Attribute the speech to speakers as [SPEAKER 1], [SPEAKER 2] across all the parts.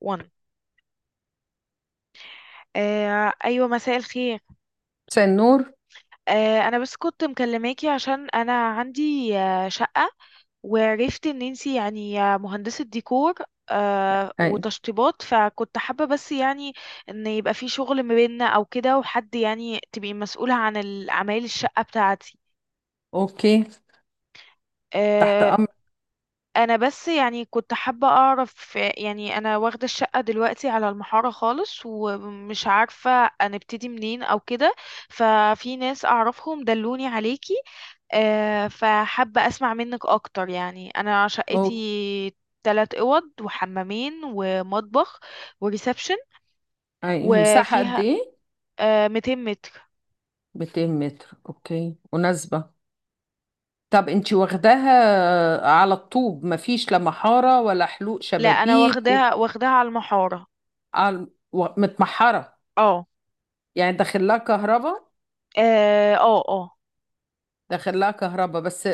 [SPEAKER 1] 1 ايوه، مساء الخير.
[SPEAKER 2] مساء النور.
[SPEAKER 1] انا بس كنت مكلماكي عشان انا عندي شقة، وعرفت ان انتي يعني مهندسة ديكور
[SPEAKER 2] اي.
[SPEAKER 1] وتشطيبات، فكنت حابة بس يعني ان يبقى في شغل ما بيننا او كده، وحد يعني تبقي مسؤولة عن اعمال الشقة بتاعتي.
[SPEAKER 2] اوكي، تحت
[SPEAKER 1] آه،
[SPEAKER 2] امر.
[SPEAKER 1] انا بس يعني كنت حابة اعرف، يعني انا واخدة الشقة دلوقتي على المحارة خالص، ومش عارفة هنبتدي منين او كده. ففي ناس اعرفهم دلوني عليكي. فحابة اسمع منك اكتر. يعني انا
[SPEAKER 2] او
[SPEAKER 1] شقتي تلات اوض وحمامين ومطبخ وريسبشن،
[SPEAKER 2] اي مساحة قد
[SPEAKER 1] وفيها
[SPEAKER 2] ايه؟
[SPEAKER 1] 200 متر.
[SPEAKER 2] 200 متر، اوكي مناسبة. طب انتي واخداها على الطوب؟ مفيش لا محارة ولا حلوق
[SPEAKER 1] لا، انا
[SPEAKER 2] شبابيك
[SPEAKER 1] واخداها واخداها على المحارة.
[SPEAKER 2] متمحرة؟
[SPEAKER 1] اه،
[SPEAKER 2] يعني داخل لها كهرباء؟
[SPEAKER 1] اه، اه، آه.
[SPEAKER 2] داخل لها كهرباء بس آه،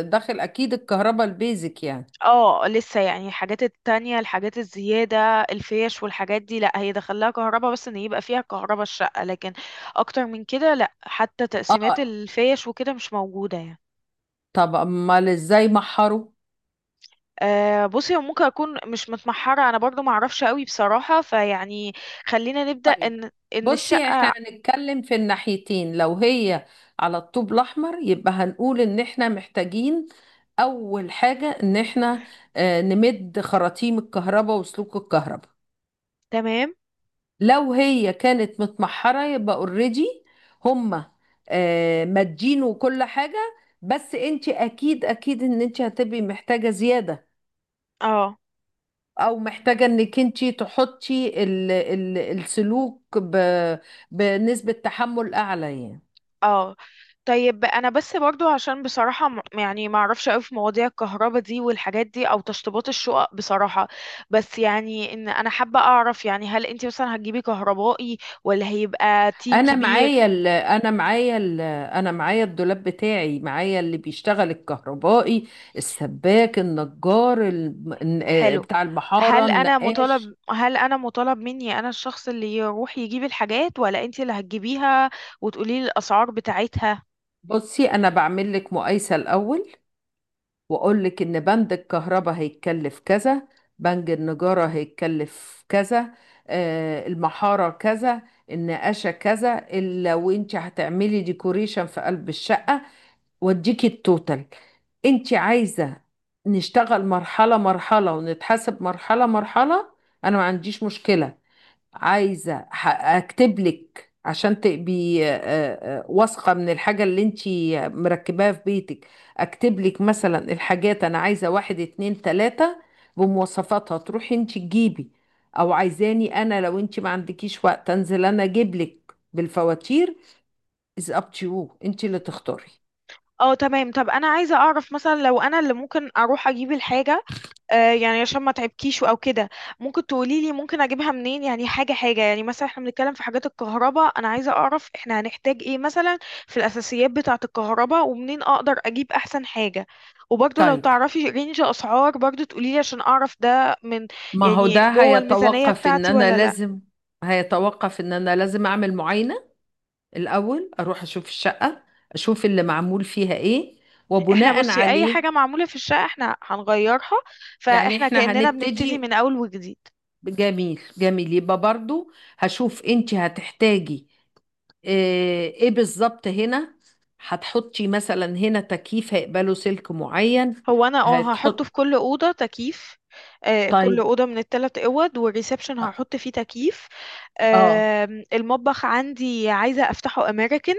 [SPEAKER 2] آه، داخل اكيد الكهرباء البيزك يعني.
[SPEAKER 1] اه، لسه يعني الحاجات التانية، الحاجات الزيادة، الفيش والحاجات دي. لا، هي دخلها كهرباء، بس ان يبقى فيها كهرباء الشقة، لكن اكتر من كده لا، حتى تقسيمات
[SPEAKER 2] اه.
[SPEAKER 1] الفيش وكده مش موجودة يعني.
[SPEAKER 2] طب امال ازاي محروا؟
[SPEAKER 1] أه، بصي هو ممكن اكون مش متمحرة انا برضو، معرفش قوي بصراحة، فيعني خلينا نبدأ
[SPEAKER 2] طيب
[SPEAKER 1] ان
[SPEAKER 2] بصي، احنا
[SPEAKER 1] الشقة.
[SPEAKER 2] هنتكلم في الناحيتين. لو هي على الطوب الاحمر يبقى هنقول ان احنا محتاجين اول حاجة ان احنا نمد خراطيم الكهرباء وسلوك الكهرباء.
[SPEAKER 1] تمام.
[SPEAKER 2] لو هي كانت متمحرة يبقى اوريدي هما مادين وكل حاجة، بس انت اكيد اكيد ان انت هتبقي محتاجة زيادة،
[SPEAKER 1] اه،
[SPEAKER 2] او محتاجة انك انت تحطي السلوك بنسبة تحمل اعلى يعني.
[SPEAKER 1] اه، طيب انا بس برضو عشان بصراحة، يعني ما اعرفش قوي في مواضيع الكهرباء دي والحاجات دي، او تشطيبات الشقق بصراحة. بس يعني ان انا حابة اعرف، يعني هل انت مثلا هتجيبي كهربائي، ولا هيبقى تيم كبير؟
[SPEAKER 2] انا معايا الدولاب بتاعي، معايا اللي بيشتغل، الكهربائي، السباك، النجار،
[SPEAKER 1] حلو.
[SPEAKER 2] بتاع المحارة، النقاش.
[SPEAKER 1] هل انا مطالب مني انا الشخص اللي يروح يجيب الحاجات، ولا انت اللي هتجيبيها وتقولي لي الاسعار بتاعتها؟
[SPEAKER 2] بصي انا بعمل لك مقايسة الاول، واقول لك ان بند الكهرباء هيتكلف كذا، بند النجارة هيتكلف كذا، المحارة كذا، النقاشة كذا، لو انت هتعملي ديكوريشن في قلب الشقة واديكي التوتال. انت عايزة نشتغل مرحلة مرحلة ونتحاسب مرحلة مرحلة؟ انا ما عنديش مشكلة. عايزة اكتب لك عشان تبقي وثقة من الحاجة اللي انت مركباها في بيتك. اكتب لك مثلا الحاجات انا عايزة، واحد اتنين تلاتة، بمواصفاتها تروحي انت تجيبي، او عايزاني انا، لو انت ما عندكيش وقت، انزل انا اجيب لك بالفواتير. is up to you، انت اللي تختاري.
[SPEAKER 1] اه، تمام. طب انا عايزه اعرف، مثلا لو انا اللي ممكن اروح اجيب الحاجه، يعني عشان ما تعبكيش او كده، ممكن تقولي لي ممكن اجيبها منين؟ يعني حاجه حاجه، يعني مثلا احنا بنتكلم في حاجات الكهرباء، انا عايزه اعرف احنا هنحتاج ايه مثلا في الاساسيات بتاعه الكهرباء، ومنين اقدر اجيب احسن حاجه. وبرضه لو
[SPEAKER 2] طيب،
[SPEAKER 1] تعرفي رينج اسعار برضه تقولي لي، عشان اعرف ده من
[SPEAKER 2] ما هو
[SPEAKER 1] يعني
[SPEAKER 2] ده
[SPEAKER 1] جوه الميزانيه
[SPEAKER 2] هيتوقف ان
[SPEAKER 1] بتاعتي
[SPEAKER 2] انا
[SPEAKER 1] ولا لا.
[SPEAKER 2] لازم، هيتوقف ان انا لازم اعمل معاينة الاول، اروح اشوف الشقة، اشوف اللي معمول فيها ايه،
[SPEAKER 1] احنا
[SPEAKER 2] وبناء
[SPEAKER 1] بصي اي
[SPEAKER 2] عليه.
[SPEAKER 1] حاجه معموله في الشقه احنا هنغيرها،
[SPEAKER 2] يعني
[SPEAKER 1] فاحنا
[SPEAKER 2] احنا
[SPEAKER 1] كاننا بنبتدي
[SPEAKER 2] هنبتدي.
[SPEAKER 1] من اول وجديد.
[SPEAKER 2] جميل جميل، يبقى برضو هشوف انت هتحتاجي ايه بالظبط هنا. هتحطي مثلا هنا تكييف هيقبله سلك معين.
[SPEAKER 1] هو انا اه، هحطه في
[SPEAKER 2] هتحط.
[SPEAKER 1] كل اوضه تكييف. كل
[SPEAKER 2] طيب.
[SPEAKER 1] اوضه من الثلاث اوض والريسبشن
[SPEAKER 2] اه.
[SPEAKER 1] هحط فيه تكييف.
[SPEAKER 2] آه.
[SPEAKER 1] آه المطبخ عندي عايزه افتحه امريكان،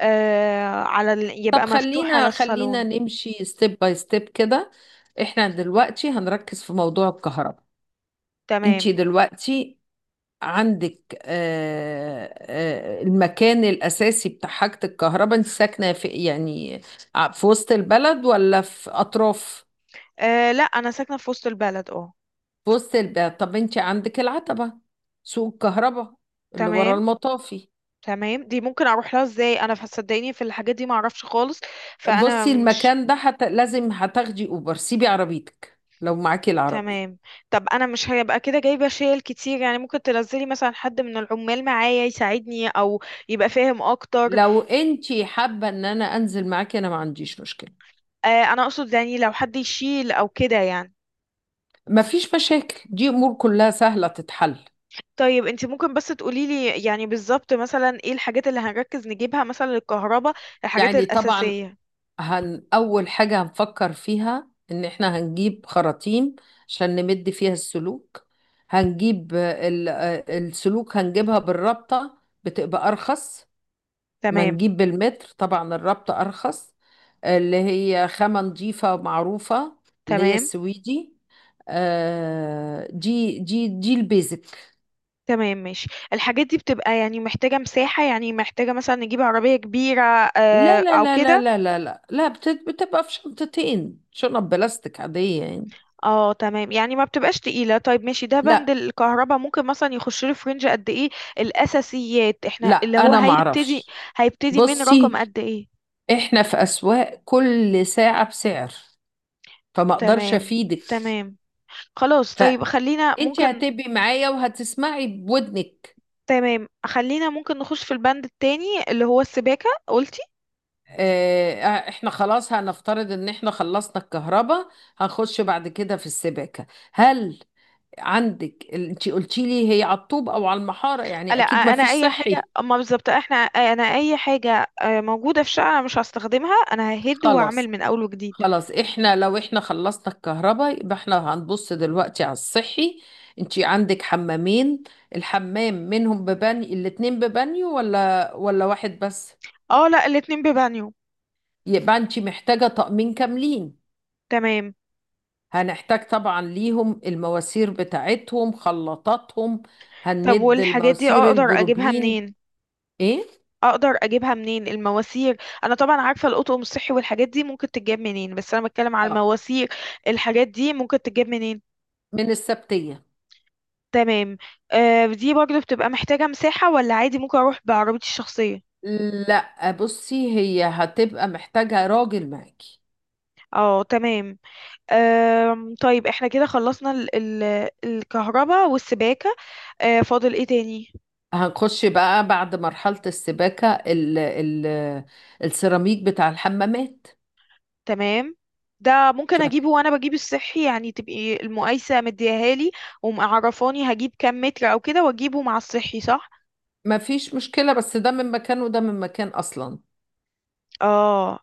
[SPEAKER 1] على ال...
[SPEAKER 2] طب
[SPEAKER 1] يبقى مفتوح على
[SPEAKER 2] خلينا خلينا
[SPEAKER 1] الصالون.
[SPEAKER 2] نمشي ستيب باي ستيب كده. احنا دلوقتي هنركز في موضوع الكهرباء.
[SPEAKER 1] تمام.
[SPEAKER 2] انتي دلوقتي عندك المكان الأساسي بتاع حاجة الكهرباء. انت ساكنة في يعني في وسط البلد ولا في أطراف؟
[SPEAKER 1] لا، انا ساكنه في وسط البلد، اه.
[SPEAKER 2] في وسط البلد. طب انتي عندك العتبة، سوق الكهرباء، اللي ورا
[SPEAKER 1] تمام.
[SPEAKER 2] المطافي.
[SPEAKER 1] تمام، دي ممكن اروح لها ازاي انا؟ صدقيني في الحاجات دي ما اعرفش خالص، فانا
[SPEAKER 2] بصي
[SPEAKER 1] مش.
[SPEAKER 2] المكان ده لازم هتاخدي أوبر، سيبي عربيتك لو معاكي العربية.
[SPEAKER 1] تمام. طب انا مش هيبقى كده جايبه شيل كتير، يعني ممكن تنزلي مثلا حد من العمال معايا يساعدني، او يبقى فاهم اكتر.
[SPEAKER 2] لو انتي حابة ان انا انزل معاكي، انا ما عنديش مشكلة.
[SPEAKER 1] آه انا اقصد يعني لو حد يشيل او كده يعني.
[SPEAKER 2] مفيش مشاكل، دي امور كلها سهلة تتحل.
[SPEAKER 1] طيب، انت ممكن بس تقوليلي يعني بالظبط مثلا ايه الحاجات اللي هنركز نجيبها مثلا للكهرباء، الحاجات
[SPEAKER 2] يعني طبعا،
[SPEAKER 1] الاساسيه.
[SPEAKER 2] اول حاجة هنفكر فيها ان احنا هنجيب خراطيم عشان نمد فيها السلوك. هنجيب السلوك، هنجيبها بالرابطة، بتبقى ارخص ما
[SPEAKER 1] تمام.
[SPEAKER 2] نجيب بالمتر. طبعا الرابطة ارخص، اللي هي خامة نظيفة معروفة، اللي هي
[SPEAKER 1] تمام.
[SPEAKER 2] السويدي. دي دي البيزك.
[SPEAKER 1] تمام، ماشي. الحاجات دي بتبقى يعني محتاجه مساحه، يعني محتاجه مثلا نجيب عربيه كبيره
[SPEAKER 2] لا لا
[SPEAKER 1] او
[SPEAKER 2] لا لا
[SPEAKER 1] كده؟
[SPEAKER 2] لا لا لا لا، بتبقى في شنطتين، شنط بلاستيك عادية يعني.
[SPEAKER 1] اه، تمام، يعني ما بتبقاش تقيلة. طيب ماشي، ده بند
[SPEAKER 2] لا.
[SPEAKER 1] الكهرباء ممكن مثلا يخش له في رينج قد ايه؟ الأساسيات احنا
[SPEAKER 2] لا
[SPEAKER 1] اللي هو
[SPEAKER 2] أنا
[SPEAKER 1] هيبتدي،
[SPEAKER 2] معرفش.
[SPEAKER 1] هيبتدي من
[SPEAKER 2] بصي،
[SPEAKER 1] رقم قد ايه؟
[SPEAKER 2] إحنا في أسواق، كل ساعة بسعر، فما أقدرش
[SPEAKER 1] تمام.
[SPEAKER 2] أفيدك.
[SPEAKER 1] تمام. خلاص، طيب خلينا
[SPEAKER 2] فأنت
[SPEAKER 1] ممكن.
[SPEAKER 2] هتبقي معايا وهتسمعي بودنك.
[SPEAKER 1] تمام خلينا ممكن نخش في البند التاني اللي هو السباكة قلتي.
[SPEAKER 2] إحنا خلاص هنفترض إن إحنا خلصنا الكهرباء، هنخش بعد كده في السباكة. هل عندك، أنت قلتي لي هي على الطوب أو على المحارة، يعني
[SPEAKER 1] لا
[SPEAKER 2] أكيد ما
[SPEAKER 1] انا
[SPEAKER 2] فيش
[SPEAKER 1] اي حاجة،
[SPEAKER 2] صحي.
[SPEAKER 1] اما بالظبط احنا، انا اي حاجة موجودة في شقة انا مش هستخدمها، انا ههد واعمل
[SPEAKER 2] خلاص.
[SPEAKER 1] من اول وجديد.
[SPEAKER 2] خلاص، احنا لو احنا خلصنا الكهرباء يبقى احنا هنبص دلوقتي على الصحي. انتي عندك حمامين، الحمام منهم ببانيو، الاتنين ببانيو ولا واحد بس؟
[SPEAKER 1] اه، لا، الاتنين ببانيو.
[SPEAKER 2] يبقى انتي محتاجة طقمين كاملين.
[SPEAKER 1] تمام.
[SPEAKER 2] هنحتاج طبعا ليهم المواسير بتاعتهم، خلاطاتهم.
[SPEAKER 1] طب
[SPEAKER 2] هنمد
[SPEAKER 1] والحاجات دي
[SPEAKER 2] المواسير
[SPEAKER 1] اقدر اجيبها
[SPEAKER 2] البروبلين.
[SPEAKER 1] منين؟
[SPEAKER 2] ايه؟
[SPEAKER 1] اقدر اجيبها منين المواسير؟ انا طبعا عارفه القطقم الصحي والحاجات دي ممكن تتجاب منين، بس انا بتكلم على
[SPEAKER 2] اه.
[SPEAKER 1] المواسير، الحاجات دي ممكن تتجاب منين؟
[SPEAKER 2] من السبتية.
[SPEAKER 1] تمام. دي برضه بتبقى محتاجه مساحه، ولا عادي ممكن اروح بعربيتي الشخصيه؟
[SPEAKER 2] لا بصي، هي هتبقى محتاجة راجل معاكي.
[SPEAKER 1] اه، تمام. طيب احنا كده خلصنا ال الكهرباء والسباكه، فاضل ايه تاني؟
[SPEAKER 2] هنخش بقى بعد مرحلة السباكة ال السيراميك بتاع الحمامات.
[SPEAKER 1] تمام. ده ممكن
[SPEAKER 2] شوف،
[SPEAKER 1] اجيبه وانا بجيب الصحي، يعني تبقي المقايسه مدياهالي ومعرفاني هجيب كام متر او كده، واجيبه مع الصحي، صح؟
[SPEAKER 2] ما فيش مشكلة، بس ده من مكان وده من مكان أصلا.
[SPEAKER 1] اه،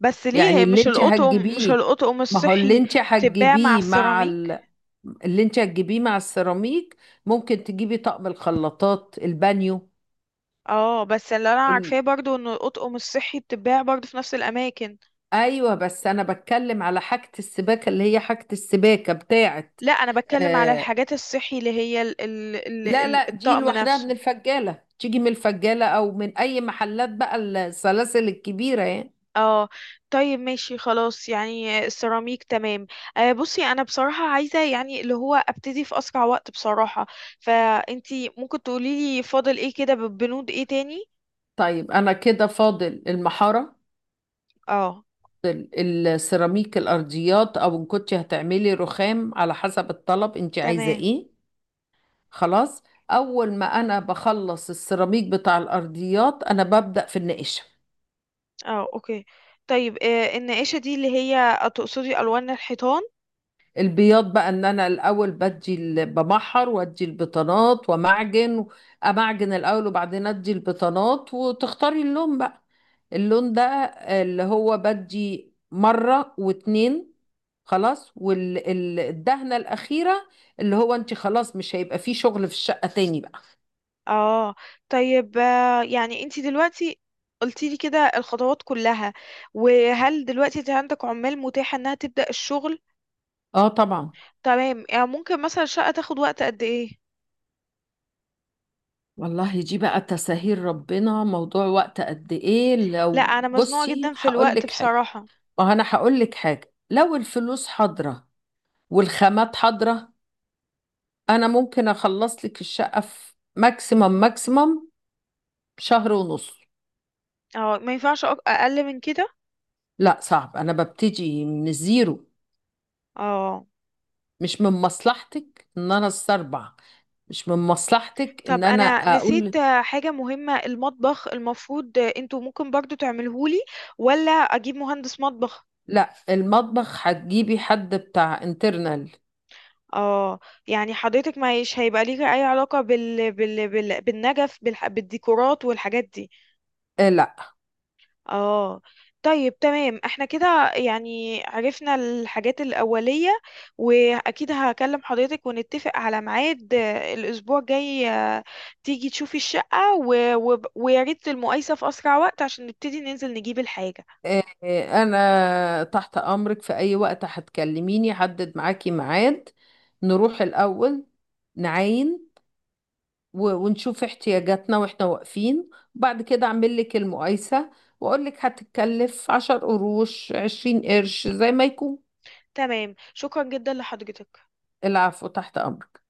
[SPEAKER 1] بس ليه؟
[SPEAKER 2] يعني
[SPEAKER 1] هي
[SPEAKER 2] اللي
[SPEAKER 1] مش
[SPEAKER 2] انت
[SPEAKER 1] القطقم، مش
[SPEAKER 2] هتجيبيه،
[SPEAKER 1] القطقم
[SPEAKER 2] ما هو اللي
[SPEAKER 1] الصحي
[SPEAKER 2] انت
[SPEAKER 1] بتتباع مع
[SPEAKER 2] هتجيبيه مع
[SPEAKER 1] السيراميك؟
[SPEAKER 2] اللي انت هتجيبيه مع السيراميك، ممكن تجيبي طقم الخلاطات البانيو.
[SPEAKER 1] اه، بس اللي انا
[SPEAKER 2] ال...
[SPEAKER 1] عارفاه برضو ان القطقم الصحي بتتباع برضو في نفس الاماكن.
[SPEAKER 2] ايوه، بس انا بتكلم على حاجة السباكة، اللي هي حاجة السباكة بتاعت
[SPEAKER 1] لا، انا بتكلم على
[SPEAKER 2] آه،
[SPEAKER 1] الحاجات الصحي اللي هي ال ال ال
[SPEAKER 2] لا
[SPEAKER 1] ال
[SPEAKER 2] لا، دي
[SPEAKER 1] الطقم
[SPEAKER 2] لوحدها من
[SPEAKER 1] نفسه.
[SPEAKER 2] الفجالة، تيجي من الفجالة أو من أي محلات بقى السلاسل الكبيرة يعني.
[SPEAKER 1] اه. طيب، ماشي، خلاص، يعني السيراميك تمام. بصي، انا بصراحة عايزة يعني اللي هو ابتدي في اسرع وقت بصراحة، فانتي ممكن تقوليلي فاضل ايه كده، بنود ايه تاني؟
[SPEAKER 2] طيب أنا كده فاضل المحارة،
[SPEAKER 1] اه،
[SPEAKER 2] السيراميك الأرضيات، أو إن كنت هتعملي رخام، على حسب الطلب أنت عايزة
[SPEAKER 1] تمام.
[SPEAKER 2] إيه. خلاص، أول ما أنا بخلص السيراميك بتاع الأرضيات أنا ببدأ في النقش.
[SPEAKER 1] اه، اوكي. طيب، النقاشة دي اللي هي تقصدي ألوان الحيطان؟
[SPEAKER 2] البياض بقى ان انا الاول بمحر وادي البطانات ومعجن، امعجن الاول وبعدين ادي البطانات، وتختاري اللون بقى، اللون ده اللي هو بدي مرة واتنين، خلاص والدهنة الأخيرة، اللي هو انت خلاص مش هيبقى فيه شغل في الشقة تاني بقى.
[SPEAKER 1] اه. طيب، يعني انتي دلوقتي قلتيلي كده الخطوات كلها، وهل دلوقتي انت عندك عمال متاحة انها تبدأ الشغل؟
[SPEAKER 2] اه طبعا.
[SPEAKER 1] تمام، يعني ممكن مثلا الشقة تاخد وقت قد ايه؟
[SPEAKER 2] والله دي بقى تساهيل ربنا. موضوع وقت قد ايه،
[SPEAKER 1] لا،
[SPEAKER 2] لو
[SPEAKER 1] انا مزنوقة
[SPEAKER 2] بصي
[SPEAKER 1] جدا في
[SPEAKER 2] هقول
[SPEAKER 1] الوقت
[SPEAKER 2] لك حاجة،
[SPEAKER 1] بصراحة.
[SPEAKER 2] ما هو انا هقول لك حاجة، لو الفلوس حاضرة والخامات حاضرة أنا ممكن أخلص لك الشقة في ماكسيمم ماكسيمم شهر ونص.
[SPEAKER 1] اه، ما ينفعش اقل من كده؟
[SPEAKER 2] لا صعب، أنا ببتدي من الزيرو.
[SPEAKER 1] اه.
[SPEAKER 2] مش من مصلحتك إن أنا استربع، مش من مصلحتك إن
[SPEAKER 1] طب
[SPEAKER 2] أنا
[SPEAKER 1] انا نسيت
[SPEAKER 2] أقول.
[SPEAKER 1] حاجة مهمة، المطبخ المفروض انتوا ممكن برضو تعملهولي، ولا اجيب مهندس مطبخ؟
[SPEAKER 2] لا، المطبخ هتجيبي حد بتاع انترنال.
[SPEAKER 1] اه. يعني حضرتك مش هيبقى ليك اي علاقة بالنجف، بالديكورات والحاجات دي؟
[SPEAKER 2] آه لا.
[SPEAKER 1] اه. طيب، تمام، احنا كده يعني عرفنا الحاجات الأولية، واكيد هكلم حضرتك ونتفق على ميعاد الاسبوع الجاي، تيجي تشوفي الشقة ويا ريت المقايسة في اسرع وقت عشان نبتدي ننزل نجيب الحاجة.
[SPEAKER 2] أنا تحت أمرك في أي وقت، هتكلميني حدد معاكي ميعاد، نروح الأول نعاين ونشوف احتياجاتنا واحنا واقفين، وبعد كده اعمل لك المقايسة، واقول لك هتتكلف عشر قروش عشرين قرش زي ما يكون.
[SPEAKER 1] تمام، شكرا جدا لحضرتك.
[SPEAKER 2] العفو، تحت امرك.